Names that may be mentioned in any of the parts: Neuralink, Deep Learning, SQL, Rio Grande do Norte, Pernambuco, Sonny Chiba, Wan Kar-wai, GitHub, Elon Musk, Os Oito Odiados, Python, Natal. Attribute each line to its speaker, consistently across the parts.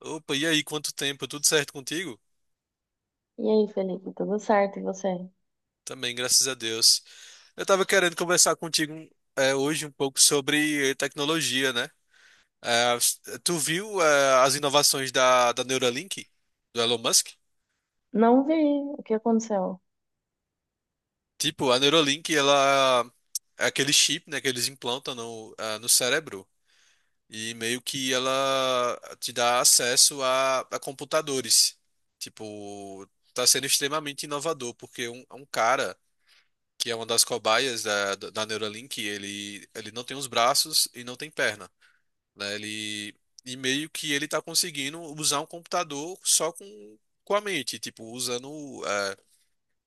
Speaker 1: Opa, e aí, quanto tempo? Tudo certo contigo?
Speaker 2: E aí, Felipe, tudo certo? E você?
Speaker 1: Também, graças a Deus. Eu tava querendo conversar contigo hoje um pouco sobre tecnologia, né? É, tu viu as inovações da Neuralink, do Elon Musk?
Speaker 2: Não vi o que aconteceu.
Speaker 1: Tipo, a Neuralink, ela é aquele chip, né, que eles implantam no, no cérebro e meio que ela te dá acesso a computadores. Tipo, tá sendo extremamente inovador, porque um cara que é uma das cobaias da Neuralink, ele não tem os braços e não tem perna, né? E meio que ele está conseguindo usar um computador só com a mente, tipo, usando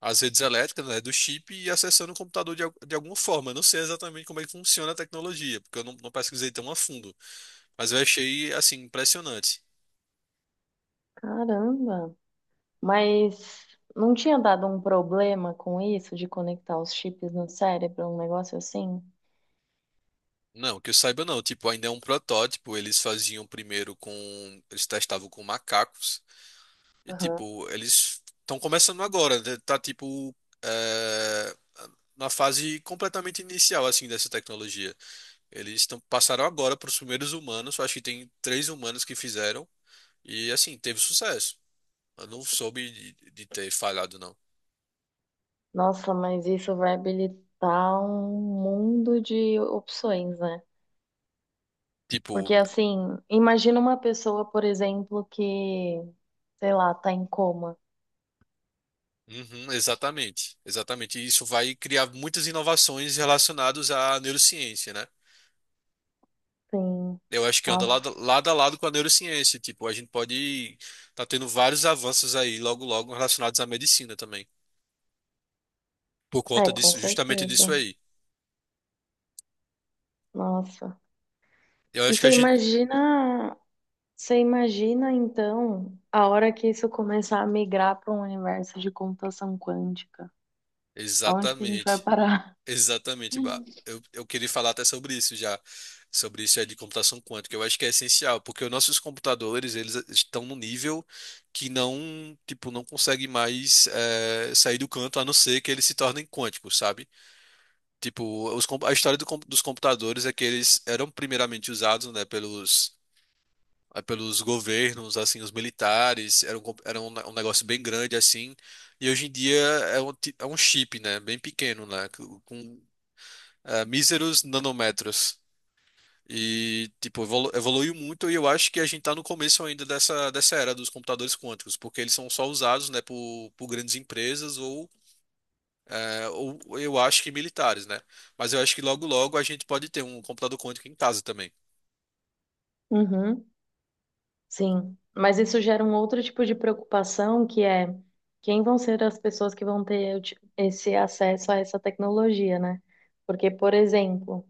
Speaker 1: as redes elétricas, né, do chip e acessando o computador de alguma forma. Eu não sei exatamente como é que funciona a tecnologia, porque eu não, não pesquisei tão a fundo, mas eu achei, assim, impressionante.
Speaker 2: Caramba! Mas não tinha dado um problema com isso de conectar os chips no cérebro, um negócio assim?
Speaker 1: Não, que eu saiba não, tipo, ainda é um protótipo, eles testavam com macacos. E,
Speaker 2: Aham.
Speaker 1: tipo, eles estão começando agora, né? Tá tipo é, na fase completamente inicial assim dessa tecnologia. Passaram agora para os primeiros humanos, acho que tem três humanos que fizeram e assim teve sucesso. Eu não soube de ter falhado não.
Speaker 2: Nossa, mas isso vai habilitar um mundo de opções, né?
Speaker 1: Tipo,
Speaker 2: Porque assim, imagina uma pessoa, por exemplo, que, sei lá, tá em coma.
Speaker 1: uhum, exatamente, exatamente. E isso vai criar muitas inovações relacionadas à neurociência, né?
Speaker 2: Sim.
Speaker 1: Eu acho que anda
Speaker 2: Nossa.
Speaker 1: lado a lado com a neurociência. Tipo, a gente pode tá tendo vários avanços aí logo logo relacionados à medicina também. Por
Speaker 2: É,
Speaker 1: conta
Speaker 2: com
Speaker 1: disso, justamente disso
Speaker 2: certeza.
Speaker 1: aí.
Speaker 2: Nossa.
Speaker 1: Eu
Speaker 2: E
Speaker 1: acho que a
Speaker 2: você
Speaker 1: gente.
Speaker 2: imagina Você imagina então a hora que isso começar a migrar para um universo de computação quântica? Aonde que a gente vai
Speaker 1: Exatamente.
Speaker 2: parar?
Speaker 1: Exatamente, bah. Eu queria falar até sobre isso já. Sobre isso de computação quântica. Eu acho que é essencial, porque os nossos computadores, eles estão num nível que não, tipo, não consegue mais sair do canto, a não ser que eles se tornem quânticos, sabe? Tipo, a história dos computadores é que eles eram primeiramente usados, né, pelos governos, assim, os militares, era era um negócio bem grande, assim, e hoje em dia é é um chip, né, bem pequeno, né, com míseros nanômetros. E, tipo, evoluiu muito e eu acho que a gente tá no começo ainda dessa era dos computadores quânticos, porque eles são só usados, né, por grandes empresas ou é, eu acho que militares, né? Mas eu acho que logo logo a gente pode ter um computador quântico em casa também.
Speaker 2: Uhum, sim. Mas isso gera um outro tipo de preocupação, que é quem vão ser as pessoas que vão ter esse acesso a essa tecnologia, né? Porque, por exemplo,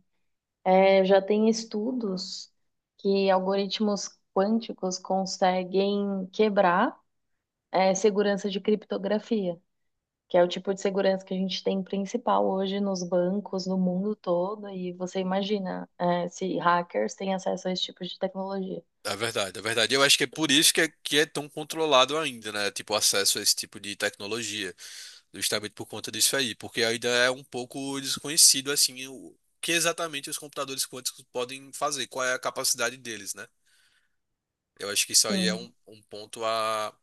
Speaker 2: já tem estudos que algoritmos quânticos conseguem quebrar, segurança de criptografia, que é o tipo de segurança que a gente tem principal hoje nos bancos, no mundo todo. E você imagina, é, se hackers têm acesso a esse tipo de tecnologia.
Speaker 1: É verdade, é verdade. Eu acho que é por isso que que é tão controlado ainda, né? Tipo, o acesso a esse tipo de tecnologia, justamente por conta disso aí, porque ainda é um pouco desconhecido, assim, o que exatamente os computadores quânticos podem fazer, qual é a capacidade deles, né? Eu acho que isso aí é
Speaker 2: Sim,
Speaker 1: um ponto a,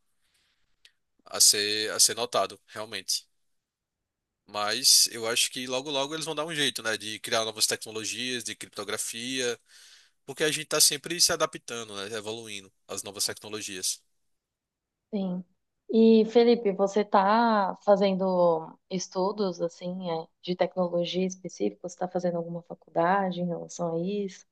Speaker 1: a ser, a ser notado, realmente. Mas eu acho que logo logo eles vão dar um jeito, né? De criar novas tecnologias, de criptografia. Porque a gente está sempre se adaptando, né? Evoluindo às novas tecnologias.
Speaker 2: sim. E Felipe, você está fazendo estudos assim, é, de tecnologia específica? Você está fazendo alguma faculdade em relação a isso?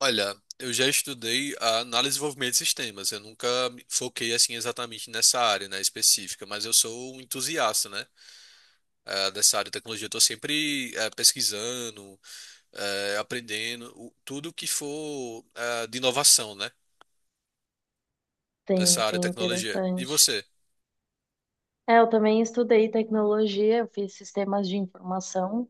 Speaker 1: Olha, eu já estudei a análise e desenvolvimento de sistemas. Eu nunca me foquei assim exatamente nessa área, né, específica, mas eu sou um entusiasta, né, dessa área de tecnologia. Eu tô sempre pesquisando, tudo que for de inovação, né, dessa
Speaker 2: Sim,
Speaker 1: área
Speaker 2: sim,
Speaker 1: de tecnologia. E
Speaker 2: interessante.
Speaker 1: você?
Speaker 2: É, eu também estudei tecnologia, eu fiz sistemas de informação.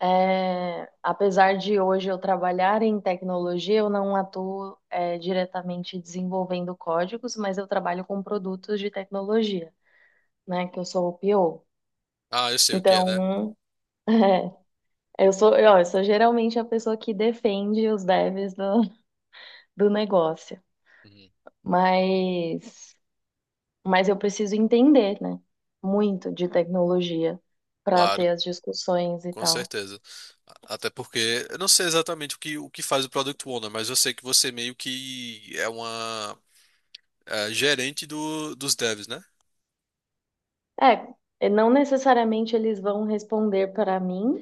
Speaker 2: É, apesar de hoje eu trabalhar em tecnologia, eu não atuo, é, diretamente desenvolvendo códigos, mas eu trabalho com produtos de tecnologia, né? Que eu sou o PO.
Speaker 1: Ah, eu sei o que é, né?
Speaker 2: Então, é, eu sou, ó, eu sou geralmente a pessoa que defende os devs do negócio,
Speaker 1: Uhum.
Speaker 2: mas, mas eu preciso entender, né? Muito de tecnologia para
Speaker 1: Claro.
Speaker 2: ter as discussões e
Speaker 1: Com
Speaker 2: tal.
Speaker 1: certeza. Até porque eu não sei exatamente o que faz o Product Owner, mas eu sei que você meio que é uma gerente dos devs, né?
Speaker 2: É, não necessariamente eles vão responder para mim.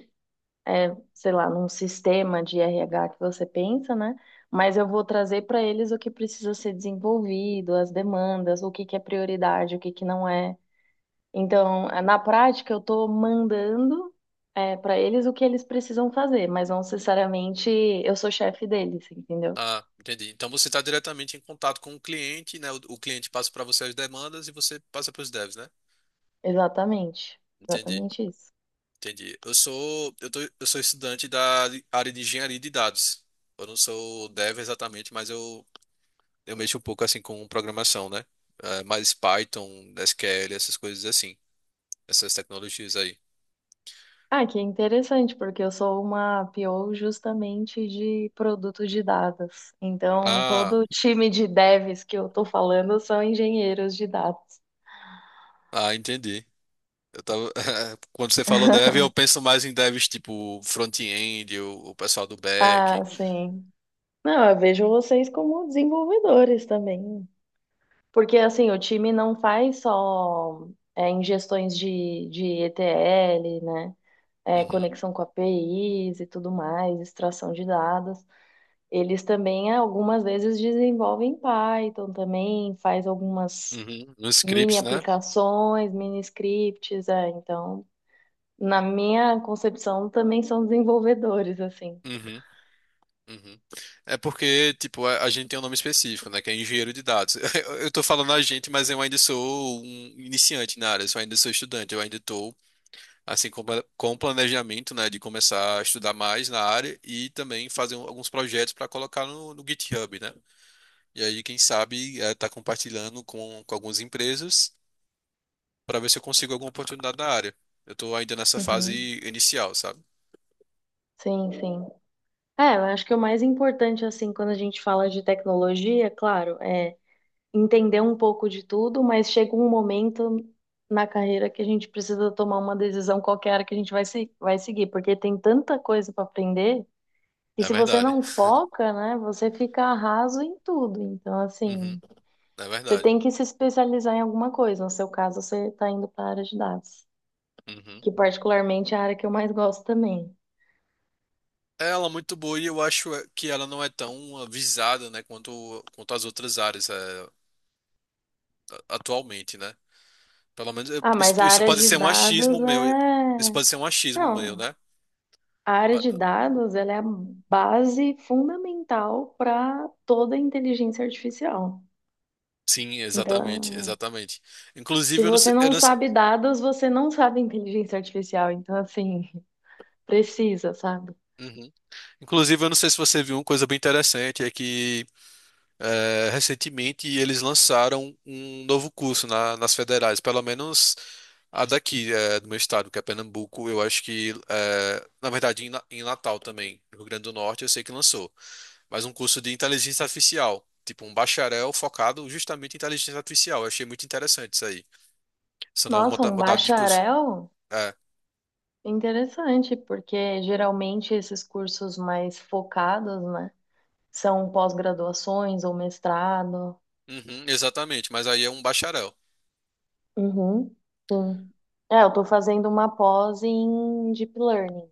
Speaker 2: Sei lá, num sistema de RH que você pensa, né? Mas eu vou trazer para eles o que precisa ser desenvolvido, as demandas, o que que é prioridade, o que que não é. Então, na prática, eu estou mandando para eles o que eles precisam fazer, mas não necessariamente eu sou chefe deles, entendeu?
Speaker 1: Ah, entendi. Então você está diretamente em contato com o cliente, né? O cliente passa para você as demandas e você passa para os devs, né?
Speaker 2: Exatamente,
Speaker 1: Entendi,
Speaker 2: exatamente isso.
Speaker 1: entendi. Eu sou estudante da área de engenharia de dados. Eu não sou dev exatamente, mas eu mexo um pouco assim com programação, né? Eh, mais Python, SQL, essas coisas assim, essas tecnologias aí.
Speaker 2: Ah, que interessante, porque eu sou uma PO justamente de produtos de dados. Então,
Speaker 1: Ah,
Speaker 2: todo o time de devs que eu tô falando são engenheiros de dados.
Speaker 1: ah, entendi. Eu tava... Quando você falou dev, eu penso mais em devs tipo front-end, o pessoal do back.
Speaker 2: Ah, sim. Não, eu vejo vocês como desenvolvedores também. Porque, assim, o time não faz só é, ingestões de ETL, né? É,
Speaker 1: Uhum,
Speaker 2: conexão com APIs e tudo mais, extração de dados. Eles também algumas vezes desenvolvem Python também, faz algumas
Speaker 1: uhum. Nos
Speaker 2: mini
Speaker 1: scripts, né?
Speaker 2: aplicações, mini scripts, é, então, na minha concepção, também são desenvolvedores, assim.
Speaker 1: Uhum, uhum. É porque, tipo, a gente tem um nome específico, né? Que é engenheiro de dados. Eu tô falando a gente, mas eu ainda sou um iniciante na área, eu ainda sou estudante, eu ainda tô, assim, com planejamento, né? De começar a estudar mais na área e também fazer alguns projetos para colocar no GitHub, né? E aí, quem sabe, está compartilhando com algumas empresas para ver se eu consigo alguma oportunidade da área. Eu estou ainda nessa fase
Speaker 2: Uhum.
Speaker 1: inicial, sabe?
Speaker 2: Sim, sim. É, eu acho que o mais importante, assim, quando a gente fala de tecnologia, é claro, é entender um pouco de tudo, mas chega um momento na carreira que a gente precisa tomar uma decisão qualquer que a gente vai, se, vai seguir, porque tem tanta coisa para aprender. E
Speaker 1: É
Speaker 2: se você
Speaker 1: verdade.
Speaker 2: não foca, né, você fica raso em tudo. Então,
Speaker 1: Uhum,
Speaker 2: assim,
Speaker 1: é
Speaker 2: você
Speaker 1: verdade.
Speaker 2: tem que se especializar em alguma coisa. No seu caso, você está indo para a área de dados,
Speaker 1: Uhum.
Speaker 2: que particularmente é a área que eu mais gosto também.
Speaker 1: Ela é muito boa e eu acho que ela não é tão avisada, né, quanto as outras áreas atualmente, né?
Speaker 2: Ah,
Speaker 1: Isso,
Speaker 2: mas a
Speaker 1: isso
Speaker 2: área
Speaker 1: pode
Speaker 2: de
Speaker 1: ser um
Speaker 2: dados
Speaker 1: achismo meu. Isso
Speaker 2: é...
Speaker 1: pode ser um achismo meu,
Speaker 2: Não,
Speaker 1: né?
Speaker 2: a área
Speaker 1: Ma-
Speaker 2: de dados, ela é a base fundamental para toda a inteligência artificial.
Speaker 1: Sim, exatamente,
Speaker 2: Então,
Speaker 1: exatamente.
Speaker 2: se
Speaker 1: Inclusive, eu não
Speaker 2: você
Speaker 1: sei, eu
Speaker 2: não
Speaker 1: não, se-
Speaker 2: sabe dados, você não sabe inteligência artificial. Então, assim, precisa, sabe?
Speaker 1: Uhum. Inclusive, eu não sei se você viu uma coisa bem interessante, é que recentemente eles lançaram um novo curso nas federais, pelo menos a daqui, do meu estado, que é Pernambuco, eu acho que, na verdade, em Natal também, no Rio Grande do Norte, eu sei que lançou, mas um curso de inteligência artificial, tipo um bacharel focado justamente em inteligência artificial. Eu achei muito interessante isso aí, essa
Speaker 2: Nossa, um
Speaker 1: modalidade de curso.
Speaker 2: bacharel?
Speaker 1: É,
Speaker 2: Interessante, porque geralmente esses cursos mais focados, né, são pós-graduações ou mestrado.
Speaker 1: uhum, exatamente, mas aí é um bacharel.
Speaker 2: Uhum, sim. É, eu tô fazendo uma pós em Deep Learning,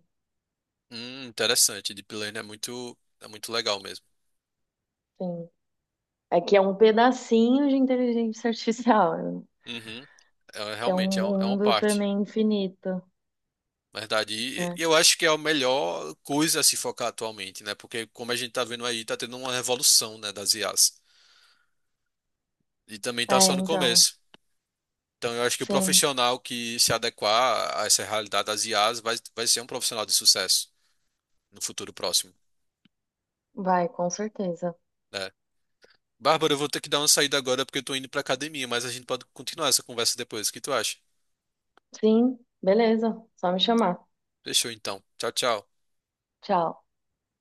Speaker 1: Interessante, Deep Learning é muito legal mesmo.
Speaker 2: sim. É que é um pedacinho de inteligência artificial,
Speaker 1: Uhum, é,
Speaker 2: que é
Speaker 1: realmente
Speaker 2: um
Speaker 1: é, é uma
Speaker 2: mundo
Speaker 1: parte.
Speaker 2: também infinito,
Speaker 1: Verdade.
Speaker 2: né?
Speaker 1: E eu acho que é a melhor coisa a se focar atualmente, né? Porque como a gente tá vendo aí, tá tendo uma revolução, né, das IAs. E também
Speaker 2: É,
Speaker 1: tá só no
Speaker 2: então,
Speaker 1: começo. Então eu acho que o
Speaker 2: sim,
Speaker 1: profissional que se adequar a essa realidade das IAs vai, vai ser um profissional de sucesso no futuro próximo,
Speaker 2: vai, com certeza.
Speaker 1: né? Bárbara, eu vou ter que dar uma saída agora porque eu tô indo pra academia, mas a gente pode continuar essa conversa depois. O que tu acha?
Speaker 2: Sim, beleza, só me chamar.
Speaker 1: Fechou então. Tchau, tchau.
Speaker 2: Tchau.